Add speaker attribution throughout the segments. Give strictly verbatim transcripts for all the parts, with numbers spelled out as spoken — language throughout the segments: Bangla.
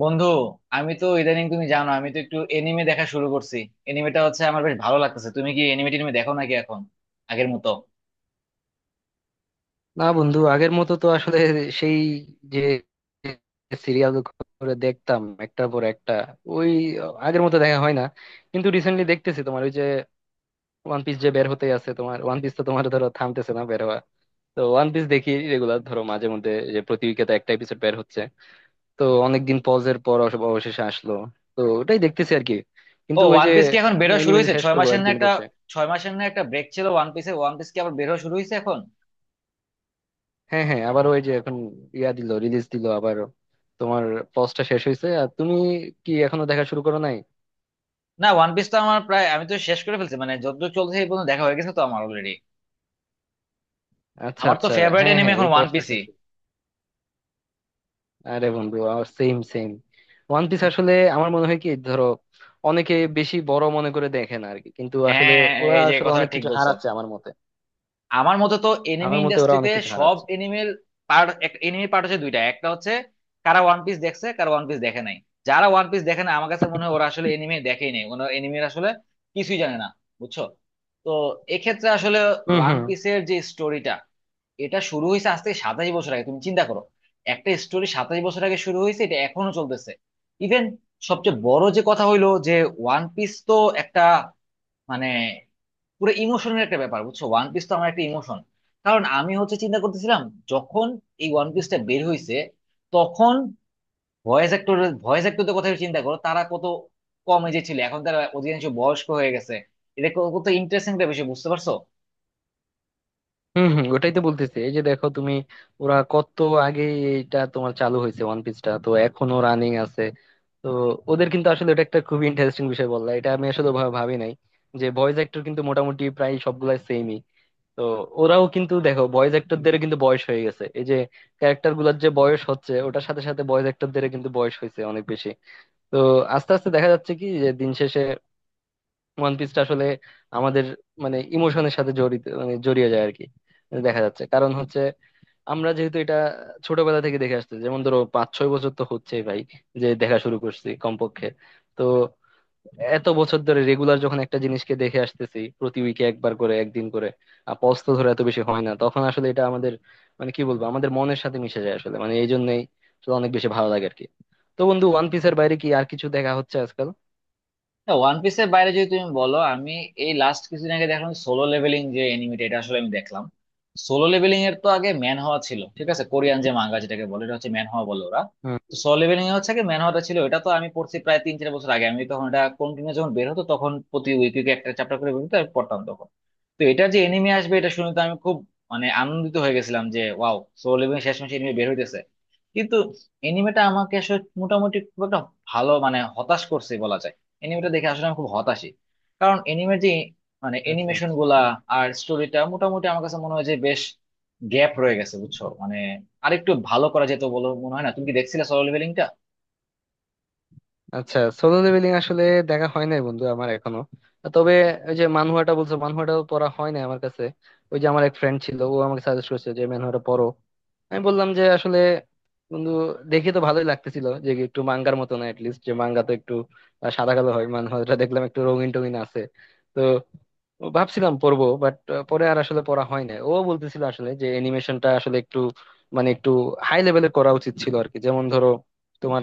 Speaker 1: বন্ধু, আমি তো ইদানিং, তুমি জানো, আমি তো একটু এনিমে দেখা শুরু করছি। এনিমেটা হচ্ছে আমার বেশ ভালো লাগতেছে। তুমি কি এনিমে টিনিমে দেখো নাকি এখন আগের মতো?
Speaker 2: না বন্ধু, আগের মতো তো আসলে সেই যে সিরিয়াল করে দেখতাম একটার পর একটা, ওই আগের মতো দেখা হয় না। কিন্তু রিসেন্টলি দেখতেছি তোমার ওই যে ওয়ান পিস যে বের হতে আছে, তোমার ওয়ান পিস তো তোমার ধরো থামতেছে না বের হওয়া। তো ওয়ান পিস দেখি রেগুলার, ধরো মাঝে মধ্যে যে প্রতি উইকে একটা এপিসোড বের হচ্ছে। তো অনেকদিন পজের পর অবশ- অবশেষে আসলো। তো ওটাই দেখতেছি আর কি।
Speaker 1: ও,
Speaker 2: কিন্তু ওই
Speaker 1: ওয়ান
Speaker 2: যে
Speaker 1: পিস কি এখন বেরো শুরু
Speaker 2: অ্যানিমে যে
Speaker 1: হয়েছে?
Speaker 2: শেষ
Speaker 1: ছয়
Speaker 2: করবো
Speaker 1: মাসের না
Speaker 2: একদিন
Speaker 1: একটা,
Speaker 2: বসে।
Speaker 1: ছয় মাসের না একটা ব্রেক ছিল ওয়ান পিসে? ওয়ান পিস কি আবার বেরো শুরু হয়েছে এখন?
Speaker 2: হ্যাঁ হ্যাঁ, আবার ওই যে এখন ইয়া দিল, রিলিজ দিল আবার। তোমার পজটা শেষ হয়েছে, আর তুমি কি এখনো দেখা শুরু করো নাই?
Speaker 1: না, ওয়ান পিস তো আমার প্রায়, আমি তো শেষ করে ফেলছি মানে, যতদূর চলছে এই পর্যন্ত দেখা হয়ে গেছে তো আমার অলরেডি।
Speaker 2: আচ্ছা
Speaker 1: আমার তো
Speaker 2: আচ্ছা।
Speaker 1: ফেভারিট
Speaker 2: হ্যাঁ
Speaker 1: এনিমে
Speaker 2: হ্যাঁ,
Speaker 1: এখন
Speaker 2: ওই
Speaker 1: ওয়ান
Speaker 2: পজটা
Speaker 1: পিসই।
Speaker 2: শেষ হয়েছে। আরে বন্ধু, আমার সেম সেম। ওয়ান পিস আসলে আমার মনে হয় কি, ধরো অনেকে বেশি বড় মনে করে দেখে না আর কি, কিন্তু আসলে
Speaker 1: হ্যাঁ,
Speaker 2: ওরা
Speaker 1: এই যে,
Speaker 2: আসলে
Speaker 1: কথা
Speaker 2: অনেক
Speaker 1: ঠিক
Speaker 2: কিছু
Speaker 1: বলছো।
Speaker 2: হারাচ্ছে আমার মতে।
Speaker 1: আমার মতে তো এনিমি
Speaker 2: আমার মতে ওরা অনেক
Speaker 1: ইন্ডাস্ট্রিতে
Speaker 2: কিছু
Speaker 1: সব
Speaker 2: হারাচ্ছে।
Speaker 1: এনিমেল পার্ট, এনিমি পার্ট হচ্ছে দুইটা। একটা হচ্ছে কারা ওয়ান পিস দেখছে, কারা ওয়ান পিস দেখে নাই। যারা ওয়ান পিস দেখে না, আমার কাছে মনে হয় ওরা আসলে এনিমি দেখেই নাই, ওরা এনিমির আসলে কিছুই জানে না, বুঝছো। তো এক্ষেত্রে আসলে ওয়ান
Speaker 2: হম
Speaker 1: পিসের যে স্টোরিটা, এটা শুরু হয়েছে আজ থেকে সাতাশ বছর আগে। তুমি চিন্তা করো, একটা স্টোরি সাতাশ বছর আগে শুরু হয়েছে, এটা এখনো চলতেছে। ইভেন সবচেয়ে বড় যে কথা হইলো যে, ওয়ান পিস তো একটা মানে পুরো ইমোশনের একটা ব্যাপার, বুঝছো। ওয়ান পিস তো আমার একটা ইমোশন। কারণ আমি হচ্ছে চিন্তা করতেছিলাম, যখন এই ওয়ান পিসটা বের হইছে তখন ভয়েস অ্যাক্টর ভয়েস অ্যাক্টরদের কথা চিন্তা করো, তারা কত কম এজে ছিল, এখন তারা অধিকাংশ বয়স্ক হয়ে গেছে। এটা কত ইন্টারেস্টিং একটা বিষয়, বুঝতে পারছো।
Speaker 2: হম হম। ওটাই তো বলতেছি, এই যে দেখো তুমি, ওরা কত আগে এটা তোমার চালু হয়েছে, ওয়ান পিসটা তো এখনো রানিং আছে। তো ওদের কিন্তু আসলে এটা একটা খুবই ইন্টারেস্টিং বিষয় বললা, এটা আমি আসলে ভা- ভাবি নাই যে ভয়েস অ্যাক্টর কিন্তু মোটামুটি প্রায় সবগুলাই সেমই। তো ওরাও কিন্তু দেখো, ভয়েস অ্যাক্টরদের কিন্তু বয়স হয়ে গেছে। এই যে ক্যারেক্টার গুলার যে বয়স হচ্ছে, ওটার সাথে সাথে ভয়েস অ্যাক্টরদের কিন্তু বয়স হয়েছে অনেক বেশি। তো আস্তে আস্তে দেখা যাচ্ছে কি, যে দিন শেষে ওয়ান পিসটা আসলে আমাদের মানে ইমোশনের সাথে জড়িত, মানে জড়িয়ে যায় আর কি। দেখা যাচ্ছে, কারণ হচ্ছে আমরা যেহেতু এটা ছোটবেলা থেকে দেখে আসছি। যেমন ধরো পাঁচ ছয় বছর তো হচ্ছেই ভাই, যে দেখা শুরু করছি কমপক্ষে। তো এত বছর ধরে রেগুলার যখন একটা জিনিসকে দেখে আসতেছি প্রতি উইকে একবার করে, একদিন করে, আর পজ তো ধরে এত বেশি হয় না, তখন আসলে এটা আমাদের মানে কি বলবো আমাদের মনের সাথে মিশে যায় আসলে, মানে এই জন্যই আসলে অনেক বেশি ভালো লাগে আর কি। তো বন্ধু, ওয়ান পিসের বাইরে কি আর কিছু দেখা হচ্ছে আজকাল?
Speaker 1: ওয়ান পিসের বাইরে যদি তুমি বলো, আমি এই লাস্ট কিছুদিন আগে দেখলাম সোলো লেভেলিং, যে এনিমিটা, এটা আসলে আমি দেখলাম। সোলো লেভেলিং এর তো আগে ম্যান হওয়া ছিল, ঠিক আছে, কোরিয়ান যে মাঙ্গা যেটাকে বলে, এটা হচ্ছে ম্যান হওয়া বলে ওরা।
Speaker 2: হ্যাঁ।
Speaker 1: তো সোলো লেভেলিং এ হচ্ছে কি, ম্যান হওয়াটা ছিল, এটা তো আমি পড়ছি প্রায় তিন চার বছর আগে। আমি তখন এটা কন্টিনিউ, যখন বের হতো তখন প্রতি উইকে একটা চ্যাপ্টার করে বের হতো, আমি পড়তাম তখন। তো এটা যে এনিমি আসবে এটা শুনে তো আমি খুব মানে আনন্দিত হয়ে গেছিলাম যে ওয়াও, সোল ইভিনিং শেষমেশ এনিমি বের হইতেছে। কিন্তু এনিমেটা আমাকে আসলে মোটামুটি খুব একটা ভালো, মানে হতাশ করছে বলা যায়। এনিমেটা দেখে আসলে আমি খুব হতাশই। কারণ এনিমের যে মানে
Speaker 2: আচ্ছা
Speaker 1: এনিমেশন
Speaker 2: আচ্ছা।
Speaker 1: গুলা আর স্টোরিটা মোটামুটি আমার কাছে মনে হয় যে বেশ গ্যাপ রয়ে গেছে, বুঝছো। মানে আরেকটু ভালো করা যেত বলে মনে হয় না? তুমি কি দেখছিলে সোল ইভিনিংটা?
Speaker 2: আচ্ছা, সোলো লেভেলিং আসলে দেখা হয় নাই বন্ধু আমার এখনো। তবে ওই যে মানহুয়াটা বলছো, মানহুয়াটাও পড়া হয় নাই আমার কাছে। ওই যে আমার এক ফ্রেন্ড ছিল, ও আমাকে সাজেস্ট করছে যে ম্যানহুয়াটা পড়ো। আমি বললাম যে আসলে বন্ধু, দেখে তো ভালোই লাগতেছিল যে একটু মাঙ্গার মতো না, লিস্ট যে মাঙ্গা তো একটু আহ, সাদা কালো হয়, মানহাটা দেখলাম একটু রঙিন টঙিন আছে। তো ভাবছিলাম পড়বো, বাট পরে আর আসলে পড়া হয় না। ও বলতেছিল আসলে যে অ্যানিমেশনটা আসলে একটু মানে একটু হাই লেভেলে করা উচিত ছিল আর কি। যেমন ধরো তোমার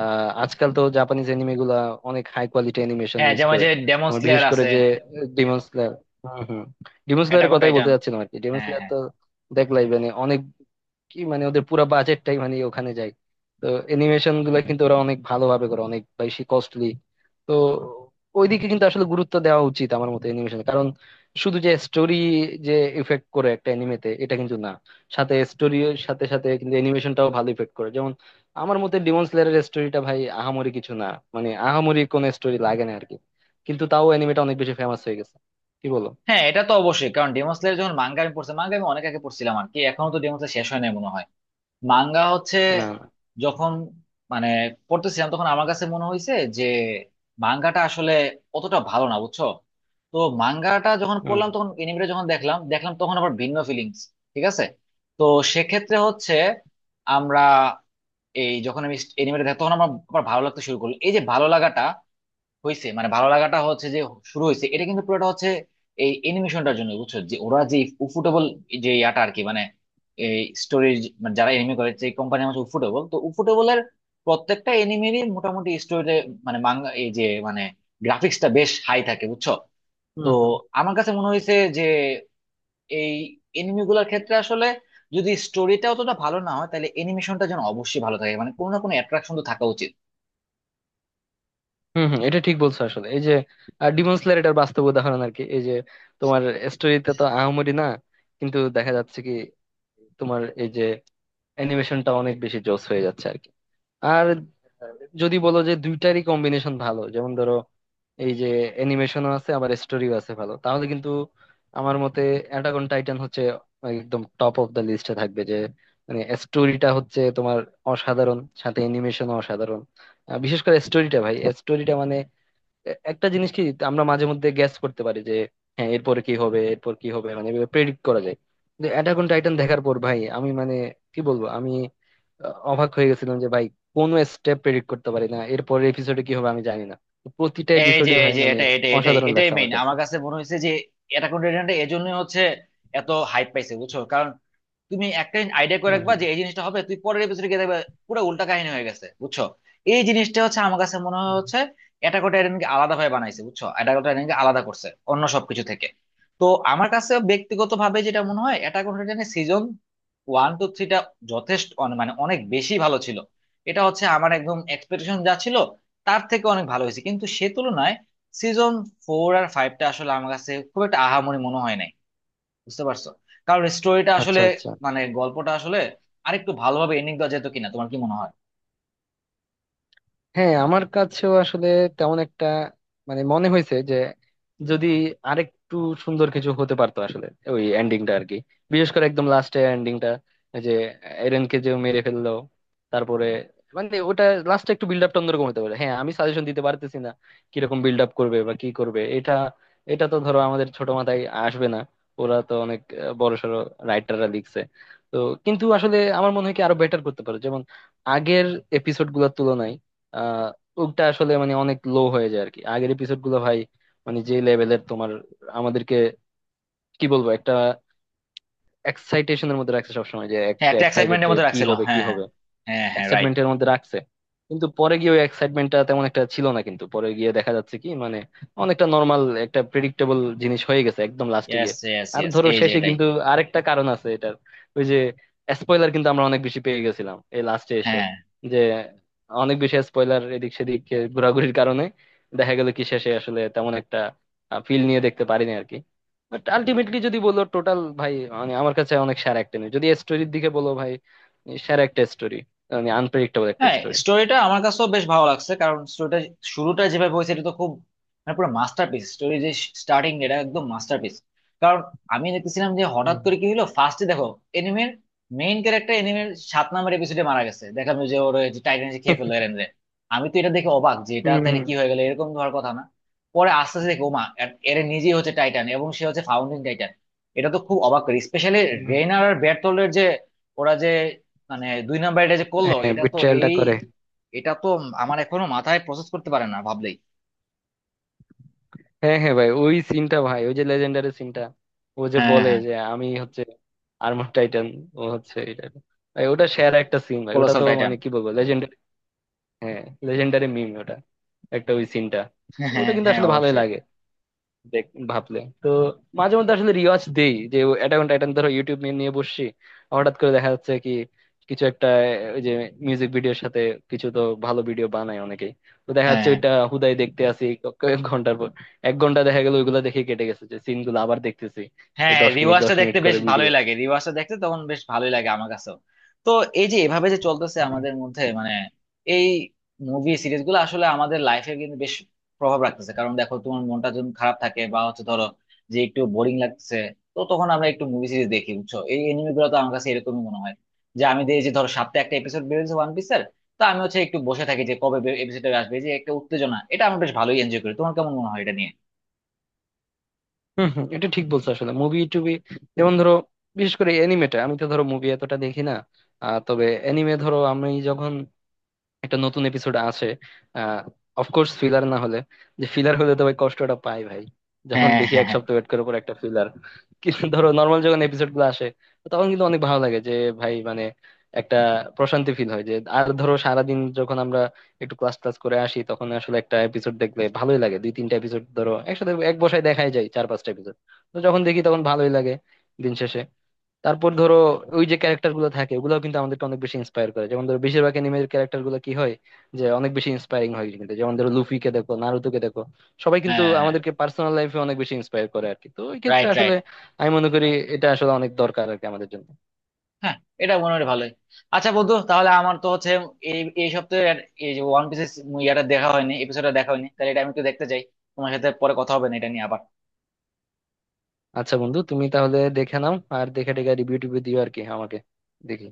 Speaker 2: আহ, আজকাল তো জাপানিজ অ্যানিমে গুলা অনেক হাই কোয়ালিটি অ্যানিমেশন
Speaker 1: হ্যাঁ,
Speaker 2: ইউজ
Speaker 1: যেমন
Speaker 2: করে।
Speaker 1: যে ডেমন
Speaker 2: তোমার
Speaker 1: স্লেয়ার
Speaker 2: বিশেষ করে
Speaker 1: আছে,
Speaker 2: যে ডিমন স্লেয়ার, হম হম, ডিমন
Speaker 1: অ্যাটাক
Speaker 2: স্লেয়ারের
Speaker 1: অন
Speaker 2: কথাই
Speaker 1: টাইটান।
Speaker 2: বলতে চাচ্ছিলাম আর কি। ডিমন
Speaker 1: হ্যাঁ,
Speaker 2: স্লেয়ার
Speaker 1: হ্যাঁ,
Speaker 2: তো দেখলাই মানে অনেক, কি মানে ওদের পুরো বাজেটটাই মানে ওখানে যায়। তো অ্যানিমেশন গুলা কিন্তু ওরা অনেক ভালোভাবে করে, অনেক বেশি কস্টলি। তো ওইদিকে কিন্তু আসলে গুরুত্ব দেওয়া উচিত আমার মতে, অ্যানিমেশন। কারণ শুধু যে স্টোরি যে ইফেক্ট করে একটা অ্যানিমেতে এটা কিন্তু না, সাথে স্টোরির সাথে সাথে কিন্তু অ্যানিমেশনটাও ভালো ইফেক্ট করে। যেমন আমার মতে ডিমন স্লেয়ারের স্টোরিটা ভাই আহামরি কিছু না, মানে আহামরি কোনো স্টোরি লাগে না আরকি, কিন্তু তাও অ্যানিমেটা অনেক বেশি ফেমাস হয়ে গেছে। কি বলো?
Speaker 1: হ্যাঁ, এটা তো অবশ্যই। কারণ ডেমন স্লেয়ার যখন, মাঙ্গা আমি পড়ছি, মাঙ্গা আমি অনেক আগে পড়ছিলাম আর কি। এখনো তো ডেমন স্লেয়ার শেষ হয় নাই মনে হয়। মাঙ্গা হচ্ছে,
Speaker 2: না।
Speaker 1: যখন মানে পড়তেছিলাম, তখন আমার কাছে মনে হয়েছে যে মাঙ্গাটা আসলে অতটা ভালো না, বুঝছো। তো মাঙ্গাটা যখন
Speaker 2: হুম
Speaker 1: পড়লাম, তখন এনিমেটা যখন দেখলাম দেখলাম তখন আবার ভিন্ন ফিলিংস, ঠিক আছে। তো সেক্ষেত্রে হচ্ছে আমরা, এই যখন আমি এনিমেটা দেখ তখন আমার আবার ভালো লাগতে শুরু করলো। এই যে ভালো লাগাটা হয়েছে, মানে ভালো লাগাটা হচ্ছে যে শুরু হয়েছে, এটা কিন্তু পুরোটা হচ্ছে এই অ্যানিমেশনটার জন্য, বুঝছো। যে ওরা যে উফুটেবল, যে ইয়াটা আর কি, মানে এই স্টোরি, মানে যারা এনিমি করে যে কোম্পানির, হচ্ছে উফুটেবল। তো উফুটেবলের প্রত্যেকটা এনিমেরই মোটামুটি স্টোরিতে, মানে মাঙ্গা, এই যে মানে, গ্রাফিক্সটা বেশ হাই থাকে, বুঝছো। তো
Speaker 2: হুম।
Speaker 1: আমার কাছে মনে হয়েছে যে এই এনিমি গুলার ক্ষেত্রে আসলে যদি স্টোরিটা অতটা ভালো না হয় তাহলে অ্যানিমেশনটা যেন অবশ্যই ভালো থাকে, মানে কোনো না কোনো অ্যাট্রাকশন তো থাকা উচিত।
Speaker 2: হম হম, এটা ঠিক বলছো আসলে, এই যে ডিমন স্লেয়ার এটার বাস্তব উদাহরণ আর কি। এই যে তোমার স্টোরিতে তো আহামরি না, কিন্তু দেখা যাচ্ছে কি তোমার এই যে অ্যানিমেশনটা অনেক বেশি জোস হয়ে যাচ্ছে আর কি। আর যদি বলো যে দুইটারই কম্বিনেশন ভালো, যেমন ধরো এই যে অ্যানিমেশনও আছে আবার স্টোরিও আছে ভালো, তাহলে কিন্তু আমার মতে অ্যাটাক অন টাইটান হচ্ছে একদম টপ অফ দ্য লিস্টে থাকবে। যে মানে স্টোরিটা হচ্ছে তোমার অসাধারণ, সাথে অ্যানিমেশনও অসাধারণ। আহ, বিশেষ করে স্টোরিটা ভাই, স্টোরিটা মানে এ- একটা জিনিস কি, আমরা মাঝে মধ্যে গ্যাস করতে পারি যে হ্যাঁ এরপরে কি হবে, এরপর কি হবে, মানে প্রেডিক্ট করা যায়। কিন্তু অ্যাটাক অন টাইটান দেখার পর ভাই আমি মানে কি বলবো আমি, আহ, অবাক হয়ে গেছিলাম যে ভাই কোনো স্টেপ প্রেডিক্ট করতে পারি না, এরপর এপিসোডে কি হবে আমি জানি না। প্রতিটা
Speaker 1: এই যে
Speaker 2: এপিসোডই
Speaker 1: এই
Speaker 2: ভাই
Speaker 1: যে
Speaker 2: মানে
Speaker 1: এটা এটা এটাই
Speaker 2: অসাধারণ
Speaker 1: এটাই
Speaker 2: লাগছে আমার
Speaker 1: মেইন
Speaker 2: কাছে।
Speaker 1: আমার কাছে মনে হয়েছে, যে অ্যাটাক অন টাইটানটা এজন্যই হচ্ছে এত হাইপ পাইছে, বুঝছো। কারণ তুমি একটা আইডিয়া
Speaker 2: হম
Speaker 1: করে রাখবা
Speaker 2: হম।
Speaker 1: যে এই জিনিসটা হবে, তুই পরের এপিসোডে গিয়ে দেখবে পুরো উল্টা কাহিনী হয়ে গেছে, বুঝছো। এই জিনিসটা হচ্ছে আমার কাছে মনে হয় হচ্ছে, অ্যাটাক অন টাইটানকে আলাদা ভাবে বানাইছে, বুঝছো, অ্যাটাক অন টাইটানকে আলাদা করছে অন্য সবকিছু থেকে। তো আমার কাছে ব্যক্তিগত ভাবে যেটা মনে হয়, অ্যাটাক অন টাইটানের সিজন ওয়ান টু থ্রিটা যথেষ্ট অনে- মানে অনেক বেশি ভালো ছিল। এটা হচ্ছে আমার একদম এক্সপেকটেশন যা ছিল তার থেকে অনেক ভালো হয়েছে। কিন্তু সে তুলনায় সিজন ফোর আর ফাইভটা আসলে আমার কাছে খুব একটা আহামরি মনে হয় নাই, বুঝতে পারছো। কারণ স্টোরিটা আসলে,
Speaker 2: আচ্ছা আচ্ছা।
Speaker 1: মানে গল্পটা আসলে আরেকটু ভালোভাবে এন্ডিং দেওয়া যেত কিনা, তোমার কি মনে হয়?
Speaker 2: হ্যাঁ, আমার কাছেও আসলে তেমন একটা মানে মনে হয়েছে যে যদি আরেকটু সুন্দর কিছু হতে পারতো আসলে ওই এন্ডিংটা আর কি। বিশেষ করে একদম লাস্টে এন্ডিংটা, যে এরেনকে যে মেরে ফেললো তারপরে, মানে ওটা লাস্টে একটু বিল্ড আপটা অন্যরকম হতে পারে। হ্যাঁ, আমি সাজেশন দিতে পারতেছি না কিরকম বিল্ড আপ করবে বা কি করবে, এটা এটা তো ধরো আমাদের ছোট মাথায় আসবে না, ওরা তো অনেক বড়সড় রাইটাররা লিখছে। তো কিন্তু আসলে আমার মনে হয় কি আরো বেটার করতে পারে, যেমন আগের এপিসোড গুলোর তুলনায় আহ ওটা আসলে মানে অনেক লো হয়ে যায় আর কি। আগের এপিসোড গুলো ভাই মানে যে লেভেলের তোমার আমাদেরকে কি বলবো একটা এক্সাইটেশনের মধ্যে রাখছে সবসময়, যে
Speaker 1: হ্যাঁ,
Speaker 2: একটা
Speaker 1: একটা
Speaker 2: এক্সাইটেড
Speaker 1: এক্সাইটমেন্টের
Speaker 2: যে
Speaker 1: মধ্যে
Speaker 2: কি
Speaker 1: রাখছিল,
Speaker 2: হবে কি
Speaker 1: হ্যাঁ, হ্যাঁ,
Speaker 2: হবে,
Speaker 1: হ্যাঁ, হ্যাঁ, রাইট।
Speaker 2: এক্সাইটমেন্টের মধ্যে রাখছে। কিন্তু পরে গিয়ে ওই এক্সাইটমেন্টটা তেমন একটা ছিল না, কিন্তু পরে গিয়ে দেখা যাচ্ছে কি মানে অনেকটা নর্মাল একটা প্রেডিক্টেবল জিনিস হয়ে গেছে একদম লাস্টে
Speaker 1: ইয়েস,
Speaker 2: গিয়ে।
Speaker 1: ইয়েস,
Speaker 2: আর
Speaker 1: ইয়েস,
Speaker 2: ধরো
Speaker 1: এই যে
Speaker 2: শেষে
Speaker 1: এটাই।
Speaker 2: কিন্তু আরেকটা কারণ আছে এটার, ওই যে স্পয়লার কিন্তু আমরা অনেক বেশি পেয়ে গেছিলাম এই লাস্টে এসে,
Speaker 1: হ্যাঁ,
Speaker 2: যে অনেক বেশি স্পয়লার এদিক সেদিক এ ঘোরাঘুরির কারণে দেখা গেল কি শেষে আসলে তেমন একটা ফিল নিয়ে দেখতে পারিনি আর কি। বাট আলটিমেটলি যদি বলো টোটাল ভাই মানে আমার কাছে অনেক সেরা একটা নিউজ, যদি স্টোরির দিকে বলো ভাই সেরা একটা স্টোরি, মানে আনপ্রেডিক্টেবল একটা
Speaker 1: হ্যাঁ,
Speaker 2: স্টোরি।
Speaker 1: স্টোরিটা আমার কাছেও বেশ ভালো লাগছে। কারণ স্টোরিটা, শুরুটা যেভাবে হয়েছে এটা তো খুব মানে পুরো মাস্টারপিস স্টোরি যে, স্টার্টিং এটা একদম মাস্টারপিস। কারণ আমি দেখতেছিলাম যে হঠাৎ
Speaker 2: হুম
Speaker 1: করে কি হলো, ফার্স্টে দেখো এনিমের মেইন ক্যারেক্টার এনিমের সাত নম্বর এপিসোডে মারা গেছে, দেখলাম যে ওর ওই যে টাইটান খেয়ে ফেললো এরেন রে। আমি তো এটা দেখে অবাক, যে এটা
Speaker 2: হুম।
Speaker 1: তাহলে
Speaker 2: হুম
Speaker 1: কি হয়ে গেল, এরকম ধর কথা না। পরে আস্তে আস্তে দেখো ওমা, এর নিজেই হচ্ছে টাইটান, এবং সে হচ্ছে ফাউন্ডিং টাইটান। এটা তো খুব অবাক করে, স্পেশালি
Speaker 2: হুম।
Speaker 1: রেইনার আর বেরথোল্ডের যে, ওরা যে মানে দুই নাম্বার এটা যে করলো,
Speaker 2: হ্যাঁ,
Speaker 1: এটা তো
Speaker 2: বিট্রায়ালটা
Speaker 1: এই,
Speaker 2: করে।
Speaker 1: এটা তো আমার এখনো মাথায় প্রসেস করতে পারে না ভাবলেই।
Speaker 2: হ্যাঁ হ্যাঁ ভাই, ওই সিনটা ভাই, ওই যে লেজেন্ডারি সিনটা, ও যে
Speaker 1: হ্যাঁ,
Speaker 2: বলে
Speaker 1: হ্যাঁ,
Speaker 2: যে আমি হচ্ছে আর্মার টাইটান, ও হচ্ছে এটা, ভাই ওটা সেরা একটা সিন ভাই, ওটা
Speaker 1: কোলোসাল
Speaker 2: তো
Speaker 1: টাইটান।
Speaker 2: মানে কি বলবো লেজেন্ডারি। হ্যাঁ, লেজেন্ডারি মিম ওটা একটা, ওই সিনটা
Speaker 1: হ্যাঁ, হ্যাঁ,
Speaker 2: ওটা কিন্তু
Speaker 1: হ্যাঁ,
Speaker 2: আসলে ভালোই
Speaker 1: অবশ্যই।
Speaker 2: লাগে দেখ। ভাবলে তো মাঝে মধ্যে আসলে রিওয়াজ দেই যে অ্যাটাক অন টাইটান ধরো ইউটিউব নিয়ে নিয়ে বসছি, হঠাৎ করে দেখা যাচ্ছে কি কিছু একটা ওই যে মিউজিক ভিডিওর সাথে, কিছু তো ভালো ভিডিও বানায় অনেকেই। তো দেখা
Speaker 1: হ্যাঁ,
Speaker 2: যাচ্ছে
Speaker 1: হ্যাঁ,
Speaker 2: ওইটা হুদাই দেখতে আসি, ক- কয়েক ঘন্টার পর এক ঘন্টা দেখা গেল ওইগুলো দেখে কেটে গেছে, যে সিন গুলো আবার দেখতেছি এই
Speaker 1: হ্যাঁ,
Speaker 2: দশ মিনিট দশ
Speaker 1: রিওয়াজটা
Speaker 2: মিনিট
Speaker 1: দেখতে বেশ
Speaker 2: করে ভিডিও।
Speaker 1: ভালোই লাগে রিওয়াজটা দেখতে তখন বেশ ভালোই লাগে আমার কাছেও। তো এই যে এভাবে যে চলতেছে আমাদের মধ্যে, মানে এই মুভি সিরিজগুলো আসলে আমাদের লাইফে কিন্তু বেশ প্রভাব রাখতেছে। কারণ দেখো, তোমার মনটা যখন খারাপ থাকে বা হচ্ছে ধরো, যে একটু বোরিং লাগছে, তো তখন আমরা একটু মুভি সিরিজ দেখি, বুঝছো। এই এনিমে গুলো তো আমার কাছে এরকমই মনে হয়। যে আমি দেখি যে ধরো সপ্তাহে একটা এপিসোড বেরোচ্ছে ওয়ান পিসের, তো আমি হচ্ছে একটু বসে থাকি যে কবে এপিসোডটা আসবে, এই যে একটা উত্তেজনা, এটা আমি বেশ ভালোই এনজয় করি। তোমার কেমন মনে হয় এটা নিয়ে?
Speaker 2: হম হম, এটা ঠিক বলছো আসলে। মুভি টুবি যেমন ধরো বিশেষ করে এনিমেটা, আমি তো ধরো মুভি এতটা দেখি না। আহ, তবে এনিমে ধরো আমি যখন একটা নতুন এপিসোড আছে, আহ অফকোর্স ফিলার না হলে, যে ফিলার হলে তো ভাই কষ্টটা পাই ভাই, যখন
Speaker 1: হ্যাঁ,
Speaker 2: দেখি
Speaker 1: হ্যাঁ,
Speaker 2: এক
Speaker 1: হ্যাঁ,
Speaker 2: সপ্তাহ ওয়েট করার পর একটা ফিলার। কিন্তু ধরো নর্মাল যখন এপিসোড গুলো আসে তখন কিন্তু অনেক ভালো লাগে যে ভাই মানে একটা প্রশান্তি ফিল হয় যে। আর ধরো সারাদিন যখন আমরা একটু ক্লাস ক্লাস করে আসি, তখন আসলে একটা এপিসোড দেখলে ভালোই লাগে, দুই তিনটা এপিসোড ধরো একসাথে এক বসায় দেখাই যায়, চার পাঁচটা এপিসোড। তো যখন দেখি তখন ভালোই লাগে দিন শেষে। তারপর ধরো ওই যে ক্যারেক্টার গুলো থাকে ওগুলোও কিন্তু আমাদেরকে অনেক বেশি ইন্সপায়ার করে। যেমন ধরো বেশিরভাগ অ্যানিমের ক্যারেক্টার গুলো কি হয়, যে অনেক বেশি ইন্সপায়ারিং হয়। কিন্তু যেমন ধরো লুফিকে দেখো, নারুতোকে দেখো, সবাই কিন্তু
Speaker 1: হ্যাঁ,
Speaker 2: আমাদেরকে পার্সোনাল লাইফে অনেক বেশি ইন্সপায়ার করে আর কি। তো ওই ক্ষেত্রে
Speaker 1: রাইট, রাইট।
Speaker 2: আসলে আমি মনে করি এটা আসলে অনেক দরকার আর কি আমাদের জন্য।
Speaker 1: হ্যাঁ, এটা মনে হয় ভালোই। আচ্ছা বন্ধু, তাহলে আমার তো হচ্ছে এই এই সপ্তাহে আর এই যে ওয়ান পিসের ইয়াটা দেখা হয়নি, এপিসোডটা দেখা হয়নি, তাহলে এটা আমি একটু দেখতে চাই। তোমার সাথে পরে কথা হবে না এটা নিয়ে আবার।
Speaker 2: আচ্ছা বন্ধু, তুমি তাহলে দেখে নাও আর দেখে টেখে রিভিউ টিভিউ দিও আর কি আমাকে। দেখি